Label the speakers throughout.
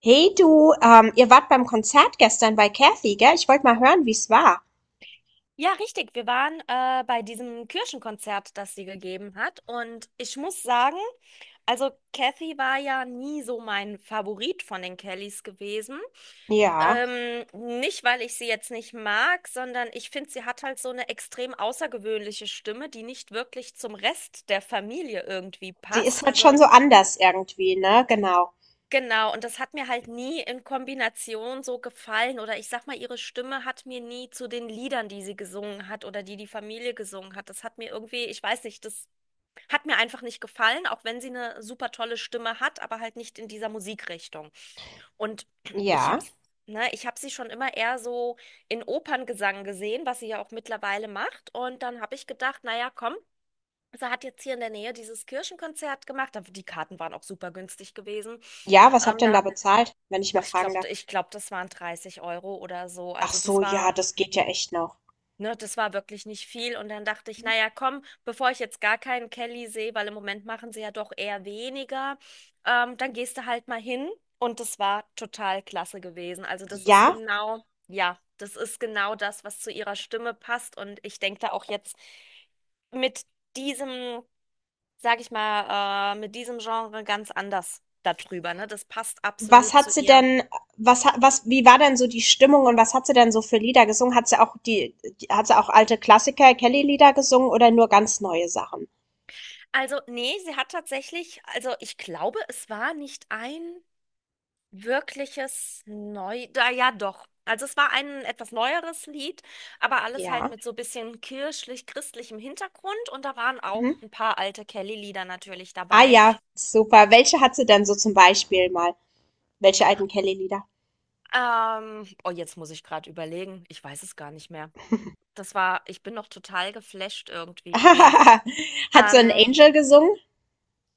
Speaker 1: Hey du, ihr wart beim Konzert gestern bei Kathy, gell? Ich wollte mal hören, wie's war.
Speaker 2: Ja, richtig. Wir waren bei diesem Kirchenkonzert, das sie gegeben hat. Und ich muss sagen, also Kathy war ja nie so mein Favorit von den Kellys gewesen.
Speaker 1: Ja,
Speaker 2: Nicht, weil ich sie jetzt nicht mag, sondern ich finde, sie hat halt so eine extrem außergewöhnliche Stimme, die nicht wirklich zum Rest der Familie irgendwie
Speaker 1: sie ist
Speaker 2: passt.
Speaker 1: halt schon
Speaker 2: Also
Speaker 1: so anders irgendwie, ne? Genau.
Speaker 2: genau, und das hat mir halt nie in Kombination so gefallen. Oder ich sag mal, ihre Stimme hat mir nie zu den Liedern, die sie gesungen hat oder die die Familie gesungen hat. Das hat mir irgendwie, ich weiß nicht, das hat mir einfach nicht gefallen, auch wenn sie eine super tolle Stimme hat, aber halt nicht in dieser Musikrichtung. Und ich
Speaker 1: Ja.
Speaker 2: hab's, ne, ich hab sie schon immer eher so in Operngesang gesehen, was sie ja auch mittlerweile macht. Und dann habe ich gedacht, naja, komm, sie hat jetzt hier in der Nähe dieses Kirchenkonzert gemacht. Die Karten waren auch super günstig gewesen.
Speaker 1: Ja, was habt ihr denn da
Speaker 2: Da
Speaker 1: bezahlt, wenn ich mal
Speaker 2: Ach, ich
Speaker 1: fragen darf?
Speaker 2: glaube, ich glaube, das waren 30 Euro oder so.
Speaker 1: Ach
Speaker 2: Also
Speaker 1: so,
Speaker 2: das
Speaker 1: ja,
Speaker 2: war,
Speaker 1: das geht ja echt noch.
Speaker 2: ne, das war wirklich nicht viel. Und dann dachte ich, naja, komm, bevor ich jetzt gar keinen Kelly sehe, weil im Moment machen sie ja doch eher weniger, dann gehst du halt mal hin. Und das war total klasse gewesen. Also das ist
Speaker 1: Ja,
Speaker 2: genau, ja, das ist genau das, was zu ihrer Stimme passt. Und ich denke da auch jetzt mit diesem, sag ich mal, mit diesem Genre ganz anders darüber, ne? Das passt
Speaker 1: was
Speaker 2: absolut
Speaker 1: hat
Speaker 2: zu
Speaker 1: sie
Speaker 2: ihr.
Speaker 1: denn, was hat, was, wie war denn so die Stimmung und was hat sie denn so für Lieder gesungen? Hat sie auch die, Die hat sie auch alte Klassiker, Kelly-Lieder gesungen oder nur ganz neue Sachen?
Speaker 2: Also, nee, sie hat tatsächlich, also ich glaube, es war nicht ein wirkliches Neu, da ja doch. Also es war ein etwas neueres Lied, aber alles halt
Speaker 1: Ja.
Speaker 2: mit so bisschen kirchlich-christlichem Hintergrund und da waren
Speaker 1: Mhm.
Speaker 2: auch ein paar alte Kelly-Lieder natürlich
Speaker 1: Ah
Speaker 2: dabei.
Speaker 1: ja, super. Welche hat sie denn so zum Beispiel mal? Welche alten Kelly-Lieder?
Speaker 2: Oh, jetzt muss ich gerade überlegen, ich weiß es gar nicht mehr. Das war, ich bin noch total geflasht irgendwie gewesen.
Speaker 1: Hat so ein
Speaker 2: Ähm,
Speaker 1: Angel gesungen?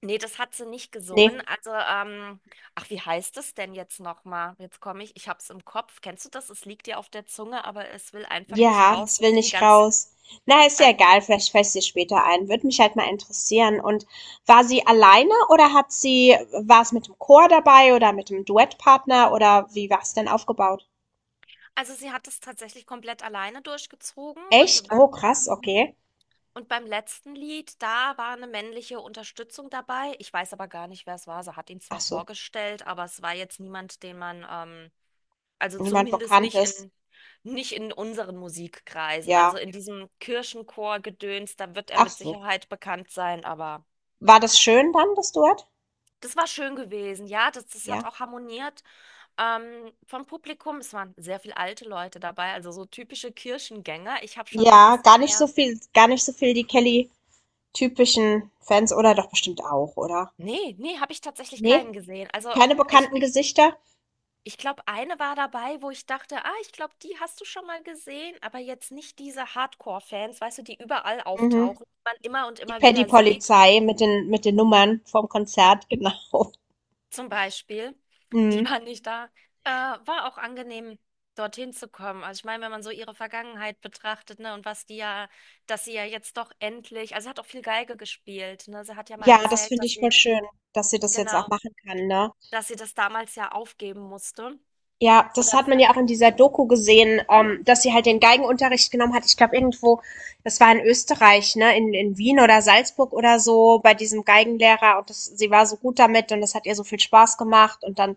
Speaker 2: Nee, das hat sie nicht
Speaker 1: Nee.
Speaker 2: gesungen. Also, ach, wie heißt es denn jetzt nochmal? Jetzt komme ich, ich hab's im Kopf. Kennst du das? Es liegt dir auf der Zunge, aber es will einfach nicht
Speaker 1: Ja,
Speaker 2: raus.
Speaker 1: das
Speaker 2: Das
Speaker 1: will
Speaker 2: ist ein
Speaker 1: nicht
Speaker 2: ganz,
Speaker 1: raus. Na, ist ja
Speaker 2: ähm,
Speaker 1: egal, vielleicht fällt sie später ein. Würde mich halt mal interessieren. Und war sie alleine oder war es mit dem Chor dabei oder mit dem Duettpartner oder wie war es denn aufgebaut?
Speaker 2: also sie hat es tatsächlich komplett alleine durchgezogen und
Speaker 1: Echt?
Speaker 2: beim,
Speaker 1: Oh, krass,
Speaker 2: mhm,
Speaker 1: okay.
Speaker 2: und beim letzten Lied, da war eine männliche Unterstützung dabei. Ich weiß aber gar nicht, wer es war. Sie hat ihn
Speaker 1: Ach
Speaker 2: zwar
Speaker 1: so,
Speaker 2: vorgestellt, aber es war jetzt niemand, den man, also
Speaker 1: niemand
Speaker 2: zumindest nicht
Speaker 1: Bekanntes.
Speaker 2: in, nicht in unseren Musikkreisen. Also
Speaker 1: Ja,
Speaker 2: in diesem Kirchenchor-Gedöns, da wird er
Speaker 1: ach
Speaker 2: mit
Speaker 1: so.
Speaker 2: Sicherheit bekannt sein, aber
Speaker 1: War das schön dann, das Duett?
Speaker 2: das war schön gewesen. Ja, das, das hat
Speaker 1: Ja.
Speaker 2: auch harmoniert vom Publikum. Es waren sehr viele alte Leute dabei, also so typische Kirchengänger. Ich habe schon mit
Speaker 1: Ja,
Speaker 2: bisschen
Speaker 1: gar nicht so
Speaker 2: mehr.
Speaker 1: viel gar nicht so viel die Kelly-typischen Fans oder doch bestimmt auch, oder?
Speaker 2: Nee, nee, habe ich tatsächlich
Speaker 1: Ne?
Speaker 2: keinen gesehen. Also
Speaker 1: Keine
Speaker 2: ich,
Speaker 1: bekannten Gesichter?
Speaker 2: ich glaube, eine war dabei, wo ich dachte, ah, ich glaube, die hast du schon mal gesehen, aber jetzt nicht diese Hardcore-Fans, weißt du, die überall
Speaker 1: Mhm.
Speaker 2: auftauchen, die man immer und
Speaker 1: Die
Speaker 2: immer wieder sieht.
Speaker 1: Paddy-Polizei mit den Nummern vom Konzert, genau.
Speaker 2: Zum Beispiel, die
Speaker 1: Mhm.
Speaker 2: waren nicht da, war auch angenehm, dorthin zu kommen. Also ich meine, wenn man so ihre Vergangenheit betrachtet, ne, und was die ja, dass sie ja jetzt doch endlich, also sie hat auch viel Geige gespielt, ne? Sie hat ja mal
Speaker 1: Ja, das
Speaker 2: erzählt,
Speaker 1: finde
Speaker 2: dass
Speaker 1: ich voll
Speaker 2: sie,
Speaker 1: schön, dass sie das jetzt auch
Speaker 2: genau,
Speaker 1: machen kann, ne?
Speaker 2: dass sie das damals ja aufgeben musste.
Speaker 1: Ja, das
Speaker 2: Oder
Speaker 1: hat man ja auch in dieser Doku gesehen, dass sie halt den Geigenunterricht genommen hat. Ich glaube irgendwo, das war in Österreich, ne, in Wien oder Salzburg oder so, bei diesem Geigenlehrer und das, sie war so gut damit und das hat ihr so viel Spaß gemacht und dann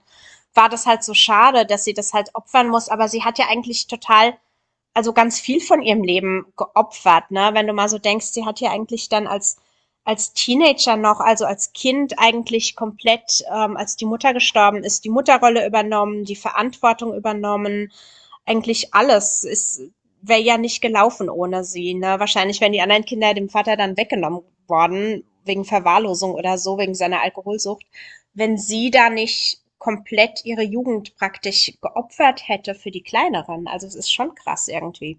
Speaker 1: war das halt so schade, dass sie das halt opfern muss, aber sie hat ja eigentlich total, also ganz viel von ihrem Leben geopfert, ne? Wenn du mal so denkst, sie hat ja eigentlich dann als Teenager noch, also als Kind eigentlich komplett, als die Mutter gestorben ist, die Mutterrolle übernommen, die Verantwortung übernommen, eigentlich alles. Es wäre ja nicht gelaufen ohne sie. Ne? Wahrscheinlich wären die anderen Kinder dem Vater dann weggenommen worden, wegen Verwahrlosung oder so, wegen seiner Alkoholsucht, wenn sie da nicht komplett ihre Jugend praktisch geopfert hätte für die Kleineren. Also es ist schon krass irgendwie.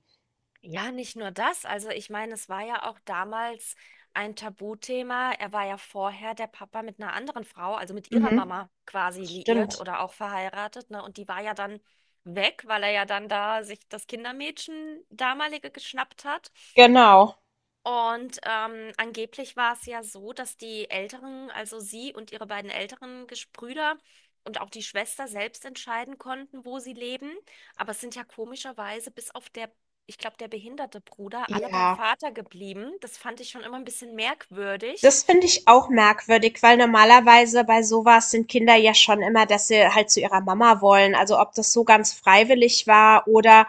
Speaker 2: ja, nicht nur das. Also ich meine, es war ja auch damals ein Tabuthema. Er war ja vorher der Papa mit einer anderen Frau, also mit ihrer
Speaker 1: Mhm.
Speaker 2: Mama quasi liiert
Speaker 1: Stimmt.
Speaker 2: oder auch verheiratet, ne? Und die war ja dann weg, weil er ja dann da sich das Kindermädchen damalige geschnappt hat.
Speaker 1: Genau.
Speaker 2: Und angeblich war es ja so, dass die Älteren, also sie und ihre beiden älteren Geschwister und auch die Schwester selbst entscheiden konnten, wo sie leben. Aber es sind ja komischerweise bis auf der, ich glaube, der behinderte Bruder, alle beim
Speaker 1: Ja.
Speaker 2: Vater geblieben. Das fand ich schon immer ein bisschen merkwürdig.
Speaker 1: Das finde ich auch merkwürdig, weil normalerweise bei sowas sind Kinder ja schon immer, dass sie halt zu ihrer Mama wollen. Also ob das so ganz freiwillig war oder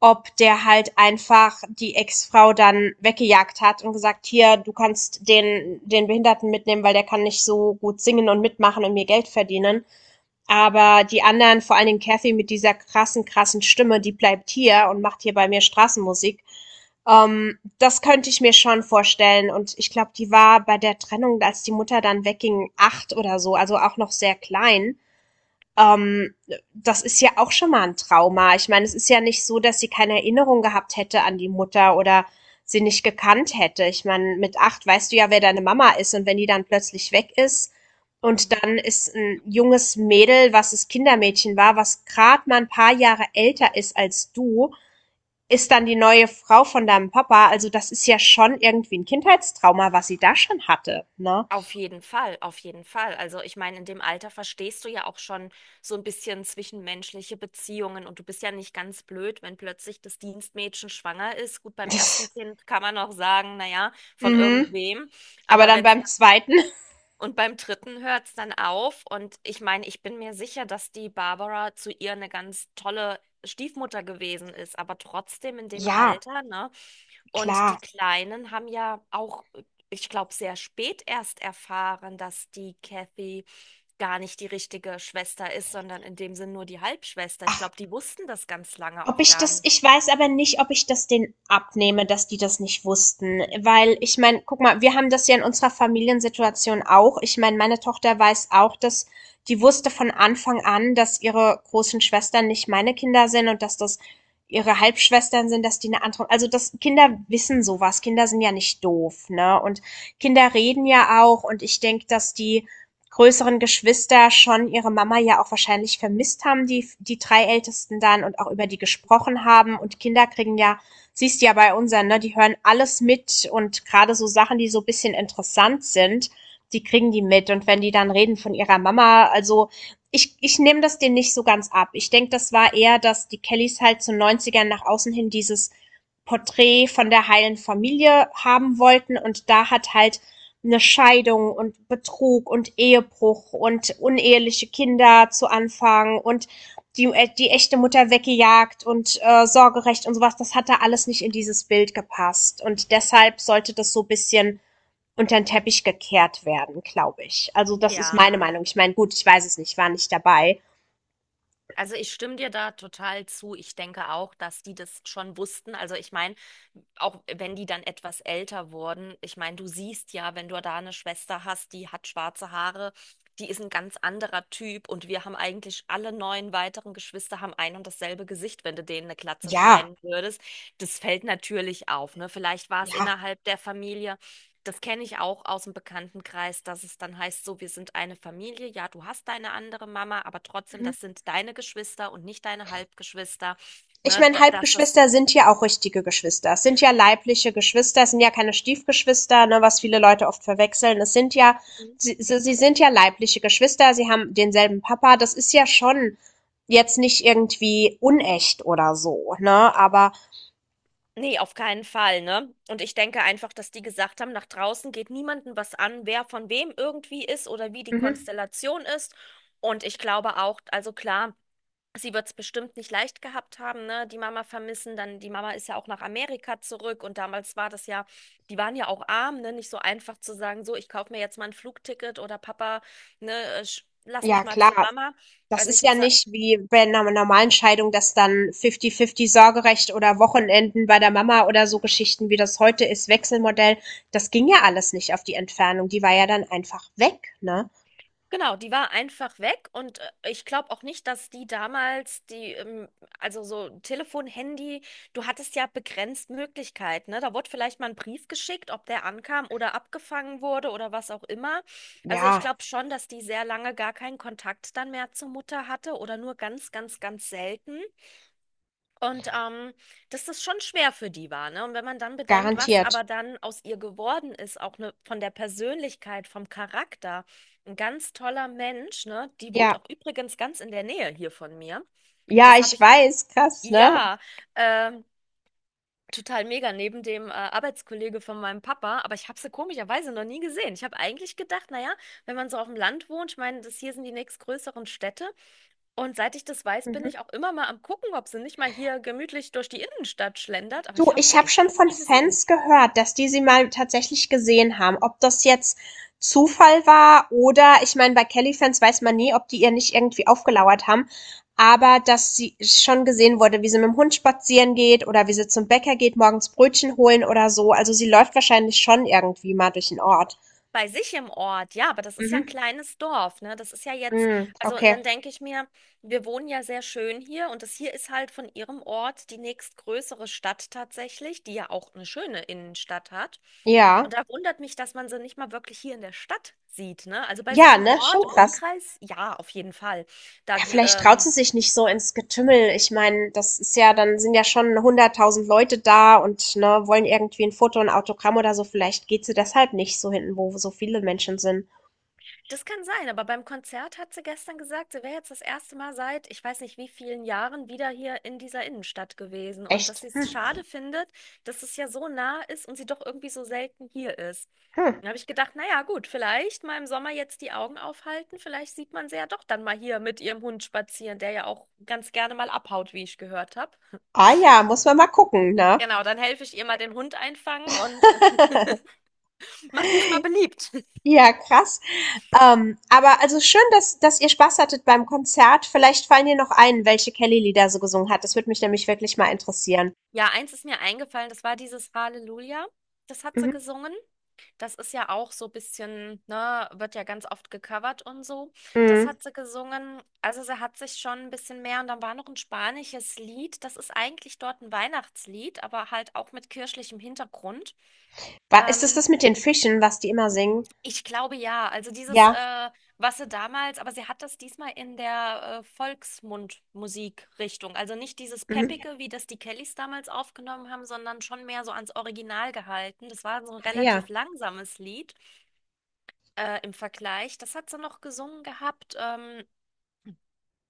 Speaker 1: ob der halt einfach die Ex-Frau dann weggejagt hat und gesagt, hier, du kannst den Behinderten mitnehmen, weil der kann nicht so gut singen und mitmachen und mir Geld verdienen. Aber die anderen, vor allen Dingen Kathy mit dieser krassen, krassen Stimme, die bleibt hier und macht hier bei mir Straßenmusik. Das könnte ich mir schon vorstellen. Und ich glaube, die war bei der Trennung, als die Mutter dann wegging, 8 oder so, also auch noch sehr klein. ähm, Das ist ja auch schon mal ein Trauma. Ich meine, es ist ja nicht so, dass sie keine Erinnerung gehabt hätte an die Mutter oder sie nicht gekannt hätte. Ich meine, mit 8 weißt du ja, wer deine Mama ist, und wenn die dann plötzlich weg ist und dann ist ein junges Mädel, was das Kindermädchen war, was gerade mal ein paar Jahre älter ist als du, ist dann die neue Frau von deinem Papa. Also das ist ja schon irgendwie ein Kindheitstrauma, was sie da schon hatte, ne?
Speaker 2: Auf jeden Fall, auf jeden Fall. Also ich meine, in dem Alter verstehst du ja auch schon so ein bisschen zwischenmenschliche Beziehungen und du bist ja nicht ganz blöd, wenn plötzlich das Dienstmädchen schwanger ist. Gut, beim ersten
Speaker 1: Das,
Speaker 2: Kind kann man noch sagen, naja, von
Speaker 1: mhm.
Speaker 2: irgendwem.
Speaker 1: Aber
Speaker 2: Aber
Speaker 1: dann
Speaker 2: wenn
Speaker 1: beim zweiten,
Speaker 2: und beim dritten hört es dann auf. Und ich meine, ich bin mir sicher, dass die Barbara zu ihr eine ganz tolle Stiefmutter gewesen ist, aber trotzdem in dem
Speaker 1: ja,
Speaker 2: Alter, ne? Und
Speaker 1: klar.
Speaker 2: die Kleinen haben ja auch, ich glaube, sehr spät erst erfahren, dass die Kathy gar nicht die richtige Schwester ist, sondern in dem Sinn nur die Halbschwester. Ich
Speaker 1: Ach,
Speaker 2: glaube, die wussten das ganz lange
Speaker 1: Ob
Speaker 2: auch
Speaker 1: ich
Speaker 2: gar
Speaker 1: das
Speaker 2: nicht.
Speaker 1: ich weiß aber nicht, ob ich das denen abnehme, dass die das nicht wussten, weil, ich meine, guck mal, wir haben das ja in unserer Familiensituation auch. Ich meine, meine Tochter weiß auch, dass die wusste von Anfang an, dass ihre großen Schwestern nicht meine Kinder sind und dass das ihre Halbschwestern sind, dass die eine andere, also das Kinder wissen sowas. Kinder sind ja nicht doof, ne? Und Kinder reden ja auch und ich denke, dass die größeren Geschwister schon ihre Mama ja auch wahrscheinlich vermisst haben, die drei Ältesten dann, und auch über die gesprochen haben. Und Kinder kriegen ja, siehst du ja bei unseren, ne, die hören alles mit, und gerade so Sachen, die so ein bisschen interessant sind, die kriegen die mit. Und wenn die dann reden von ihrer Mama, also ich nehme das denen nicht so ganz ab. Ich denke, das war eher, dass die Kellys halt zu 90ern nach außen hin dieses Porträt von der heilen Familie haben wollten. Und da hat halt eine Scheidung und Betrug und Ehebruch und uneheliche Kinder zu Anfang und die echte Mutter weggejagt und Sorgerecht und sowas, das hat da alles nicht in dieses Bild gepasst. Und deshalb sollte das so ein bisschen unter den Teppich gekehrt werden, glaube ich. Also das ist
Speaker 2: Ja.
Speaker 1: meine Meinung. Ich meine, gut, ich weiß es nicht, war nicht dabei.
Speaker 2: Also ich stimme dir da total zu. Ich denke auch, dass die das schon wussten. Also ich meine, auch wenn die dann etwas älter wurden, ich meine, du siehst ja, wenn du da eine Schwester hast, die hat schwarze Haare, die ist ein ganz anderer Typ und wir haben eigentlich alle neun weiteren Geschwister haben ein und dasselbe Gesicht, wenn du denen eine Glatze
Speaker 1: Ja,
Speaker 2: schneiden würdest. Das fällt natürlich auf, ne? Vielleicht war es
Speaker 1: ja.
Speaker 2: innerhalb der Familie, das kenne ich auch aus dem Bekanntenkreis, dass es dann heißt, so, wir sind eine Familie. Ja, du hast deine andere Mama, aber trotzdem,
Speaker 1: Mhm.
Speaker 2: das sind deine Geschwister und nicht deine Halbgeschwister.
Speaker 1: Ich meine,
Speaker 2: Dass das.
Speaker 1: Halbgeschwister sind ja auch richtige Geschwister. Es sind ja leibliche Geschwister, es sind ja keine Stiefgeschwister, ne, was viele Leute oft verwechseln. Es sind ja,
Speaker 2: Mhm.
Speaker 1: sie, sie sie sind ja leibliche Geschwister, sie haben denselben Papa. Das ist ja schon jetzt nicht irgendwie unecht oder so, ne? Aber
Speaker 2: Nee, auf keinen Fall, ne? Und ich denke einfach, dass die gesagt haben, nach draußen geht niemandem was an, wer von wem irgendwie ist oder wie die
Speaker 1: mhm,
Speaker 2: Konstellation ist. Und ich glaube auch, also klar. Sie wird es bestimmt nicht leicht gehabt haben, ne? Die Mama vermissen, dann die Mama ist ja auch nach Amerika zurück und damals war das ja, die waren ja auch arm, ne? Nicht so einfach zu sagen, so, ich kaufe mir jetzt mal ein Flugticket oder Papa, ne, lass
Speaker 1: ja,
Speaker 2: mich mal zu
Speaker 1: klar.
Speaker 2: Mama.
Speaker 1: Das
Speaker 2: Also ich
Speaker 1: ist ja
Speaker 2: muss,
Speaker 1: nicht wie bei einer normalen Scheidung, dass dann fifty-fifty Sorgerecht oder Wochenenden bei der Mama oder so Geschichten, wie das heute ist, Wechselmodell. Das ging ja alles nicht auf die Entfernung. Die war ja dann einfach weg, ne?
Speaker 2: genau, die war einfach weg und ich glaube auch nicht, dass die damals die, also so Telefon, Handy, du hattest ja begrenzt Möglichkeiten, ne? Da wurde vielleicht mal ein Brief geschickt, ob der ankam oder abgefangen wurde oder was auch immer. Also ich
Speaker 1: Ja,
Speaker 2: glaube schon, dass die sehr lange gar keinen Kontakt dann mehr zur Mutter hatte oder nur ganz, ganz, ganz selten. Und dass das schon schwer für die war, ne? Und wenn man dann bedenkt, was
Speaker 1: garantiert.
Speaker 2: aber dann aus ihr geworden ist, auch ne, von der Persönlichkeit, vom Charakter, ein ganz toller Mensch, ne? Die wohnt
Speaker 1: Ja.
Speaker 2: auch übrigens ganz in der Nähe hier von mir.
Speaker 1: Ja,
Speaker 2: Das habe
Speaker 1: ich
Speaker 2: ich,
Speaker 1: weiß, krass, ne?
Speaker 2: ja, ähm, total mega neben dem Arbeitskollege von meinem Papa, aber ich habe sie komischerweise noch nie gesehen. Ich habe eigentlich gedacht, naja, wenn man so auf dem Land wohnt, ich meine, das hier sind die nächstgrößeren Städte. Und seit ich das weiß, bin
Speaker 1: Mhm.
Speaker 2: ich auch immer mal am gucken, ob sie nicht mal hier gemütlich durch die Innenstadt schlendert, aber
Speaker 1: Du,
Speaker 2: ich habe
Speaker 1: ich
Speaker 2: sie
Speaker 1: habe
Speaker 2: echt
Speaker 1: schon von
Speaker 2: nie gesehen.
Speaker 1: Fans gehört, dass die sie mal tatsächlich gesehen haben. Ob das jetzt Zufall war oder, ich meine, bei Kelly-Fans weiß man nie, ob die ihr nicht irgendwie aufgelauert haben, aber dass sie schon gesehen wurde, wie sie mit dem Hund spazieren geht oder wie sie zum Bäcker geht, morgens Brötchen holen oder so. Also sie läuft wahrscheinlich schon irgendwie mal durch den Ort.
Speaker 2: Bei sich im Ort, ja, aber das ist ja ein
Speaker 1: Mhm.
Speaker 2: kleines Dorf, ne? Das ist ja jetzt,
Speaker 1: Mm,
Speaker 2: also und dann
Speaker 1: okay.
Speaker 2: denke ich mir, wir wohnen ja sehr schön hier und das hier ist halt von ihrem Ort die nächstgrößere Stadt tatsächlich, die ja auch eine schöne Innenstadt hat.
Speaker 1: Ja.
Speaker 2: Und da wundert mich, dass man sie nicht mal wirklich hier in der Stadt sieht, ne? Also bei sich
Speaker 1: Ja,
Speaker 2: im
Speaker 1: ne?
Speaker 2: Ort,
Speaker 1: Schon
Speaker 2: im
Speaker 1: krass.
Speaker 2: Umkreis, ja, auf jeden Fall.
Speaker 1: Ja,
Speaker 2: Da,
Speaker 1: vielleicht traut sie sich nicht so ins Getümmel. Ich meine, das ist ja, dann sind ja schon 100.000 Leute da und ne, wollen irgendwie ein Foto, ein Autogramm oder so. Vielleicht geht sie deshalb nicht so hinten, wo so viele Menschen sind.
Speaker 2: das kann sein, aber beim Konzert hat sie gestern gesagt, sie wäre jetzt das erste Mal seit, ich weiß nicht wie vielen Jahren, wieder hier in dieser Innenstadt gewesen und dass
Speaker 1: Echt?
Speaker 2: sie es schade findet, dass es ja so nah ist und sie doch irgendwie so selten hier ist.
Speaker 1: Hm.
Speaker 2: Dann habe ich gedacht, naja, gut, vielleicht mal im Sommer jetzt die Augen aufhalten, vielleicht sieht man sie ja doch dann mal hier mit ihrem Hund spazieren, der ja auch ganz gerne mal abhaut, wie ich gehört habe.
Speaker 1: Ah ja, muss man mal gucken, ne?
Speaker 2: Genau, dann helfe ich ihr mal den Hund einfangen und mach mich mal beliebt.
Speaker 1: Ja, krass. Aber also schön, dass ihr Spaß hattet beim Konzert. Vielleicht fallen dir noch ein, welche Kelly-Lieder so gesungen hat. Das würde mich nämlich wirklich mal interessieren.
Speaker 2: Ja, eins ist mir eingefallen, das war dieses Halleluja, das hat sie
Speaker 1: Mhm.
Speaker 2: gesungen. Das ist ja auch so ein bisschen, ne, wird ja ganz oft gecovert und so. Das
Speaker 1: Mhm.
Speaker 2: hat sie gesungen. Also sie hat sich schon ein bisschen mehr. Und dann war noch ein spanisches Lied. Das ist eigentlich dort ein Weihnachtslied, aber halt auch mit kirchlichem Hintergrund.
Speaker 1: Ist es das
Speaker 2: Ähm,
Speaker 1: mit den Fischen, was die immer singen?
Speaker 2: Ich glaube ja. Also dieses,
Speaker 1: Ja.
Speaker 2: was sie damals, aber sie hat das diesmal in der Volksmundmusikrichtung. Also nicht dieses
Speaker 1: Mhm.
Speaker 2: Peppige, wie das die Kellys damals aufgenommen haben, sondern schon mehr so ans Original gehalten. Das war so ein
Speaker 1: Ah, ja.
Speaker 2: relativ langsames Lied im Vergleich. Das hat sie noch gesungen gehabt.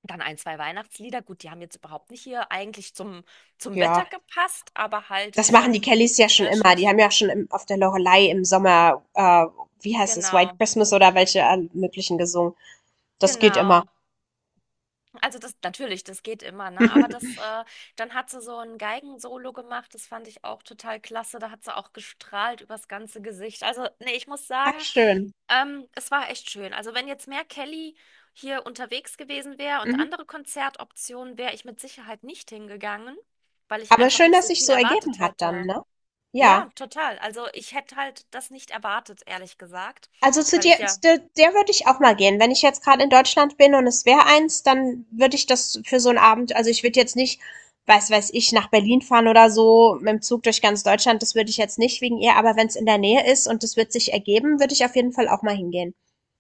Speaker 2: Dann ein, zwei Weihnachtslieder. Gut, die haben jetzt überhaupt nicht hier eigentlich zum, zum Wetter
Speaker 1: Ja.
Speaker 2: gepasst, aber halt
Speaker 1: Das machen die
Speaker 2: schon
Speaker 1: Kellys
Speaker 2: mit
Speaker 1: ja schon immer. Die
Speaker 2: kirschig.
Speaker 1: haben ja schon auf der Loreley im Sommer, wie heißt es, White
Speaker 2: Genau,
Speaker 1: Christmas oder welche möglichen gesungen. Das geht immer.
Speaker 2: genau. Also das natürlich, das geht immer, ne? Aber das, dann hat sie so ein Geigensolo gemacht, das fand ich auch total klasse. Da hat sie auch gestrahlt übers ganze Gesicht. Also, nee, ich muss
Speaker 1: Ah,
Speaker 2: sagen,
Speaker 1: schön.
Speaker 2: es war echt schön. Also, wenn jetzt mehr Kelly hier unterwegs gewesen wäre und
Speaker 1: Mhm.
Speaker 2: andere Konzertoptionen, wäre ich mit Sicherheit nicht hingegangen, weil ich
Speaker 1: Aber
Speaker 2: einfach
Speaker 1: schön,
Speaker 2: nicht
Speaker 1: dass
Speaker 2: so
Speaker 1: sich
Speaker 2: viel
Speaker 1: so
Speaker 2: erwartet
Speaker 1: ergeben hat dann,
Speaker 2: hätte.
Speaker 1: ne? Ja.
Speaker 2: Ja, total. Also ich hätte halt das nicht erwartet, ehrlich gesagt,
Speaker 1: Also zu
Speaker 2: weil ich
Speaker 1: dir, zu
Speaker 2: ja
Speaker 1: der, der würde ich auch mal gehen. Wenn ich jetzt gerade in Deutschland bin und es wäre eins, dann würde ich das für so einen Abend, also ich würde jetzt nicht, weiß ich, nach Berlin fahren oder so, mit dem Zug durch ganz Deutschland, das würde ich jetzt nicht wegen ihr, aber wenn es in der Nähe ist und das wird sich ergeben, würde ich auf jeden Fall auch mal hingehen.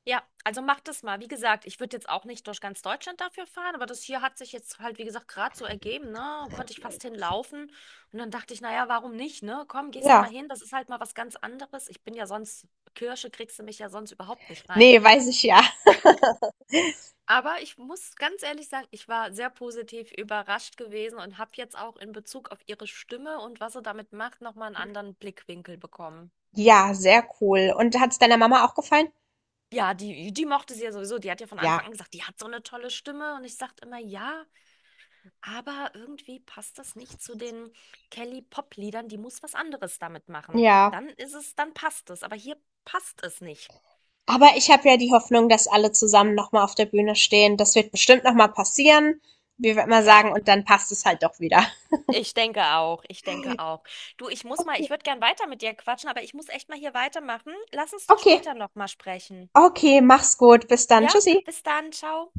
Speaker 2: ja, also mach das mal. Wie gesagt, ich würde jetzt auch nicht durch ganz Deutschland dafür fahren, aber das hier hat sich jetzt halt, wie gesagt, gerade so ergeben, ne? Konnte ich fast hinlaufen. Und dann dachte ich, naja, warum nicht, ne? Komm, gehst du mal
Speaker 1: Ja.
Speaker 2: hin, das ist halt mal was ganz anderes. Ich bin ja sonst, Kirche kriegst du mich ja sonst überhaupt nicht rein.
Speaker 1: Ne, weiß ich ja.
Speaker 2: Aber ich muss ganz ehrlich sagen, ich war sehr positiv überrascht gewesen und habe jetzt auch in Bezug auf ihre Stimme und was sie damit macht, nochmal einen anderen Blickwinkel bekommen.
Speaker 1: Ja, sehr cool. Und hat es deiner Mama auch gefallen?
Speaker 2: Ja, die, die mochte sie ja sowieso. Die hat ja von
Speaker 1: Ja.
Speaker 2: Anfang an gesagt, die hat so eine tolle Stimme. Und ich sagte immer, ja. Aber irgendwie passt das nicht zu den Kelly-Pop-Liedern. Die muss was anderes damit machen.
Speaker 1: Ja.
Speaker 2: Dann ist es, dann passt es. Aber hier passt es nicht.
Speaker 1: Aber ich habe ja die Hoffnung, dass alle zusammen noch mal auf der Bühne stehen. Das wird bestimmt noch mal passieren. Wie wir immer
Speaker 2: Ja,
Speaker 1: sagen, und dann passt es halt doch wieder.
Speaker 2: ich denke auch. Ich denke auch. Du, ich muss mal, ich
Speaker 1: Okay.
Speaker 2: würde gern weiter mit dir quatschen, aber ich muss echt mal hier weitermachen. Lass uns doch
Speaker 1: Okay.
Speaker 2: später nochmal sprechen.
Speaker 1: Okay, mach's gut. Bis dann.
Speaker 2: Ja,
Speaker 1: Tschüssi.
Speaker 2: bis dann, ciao.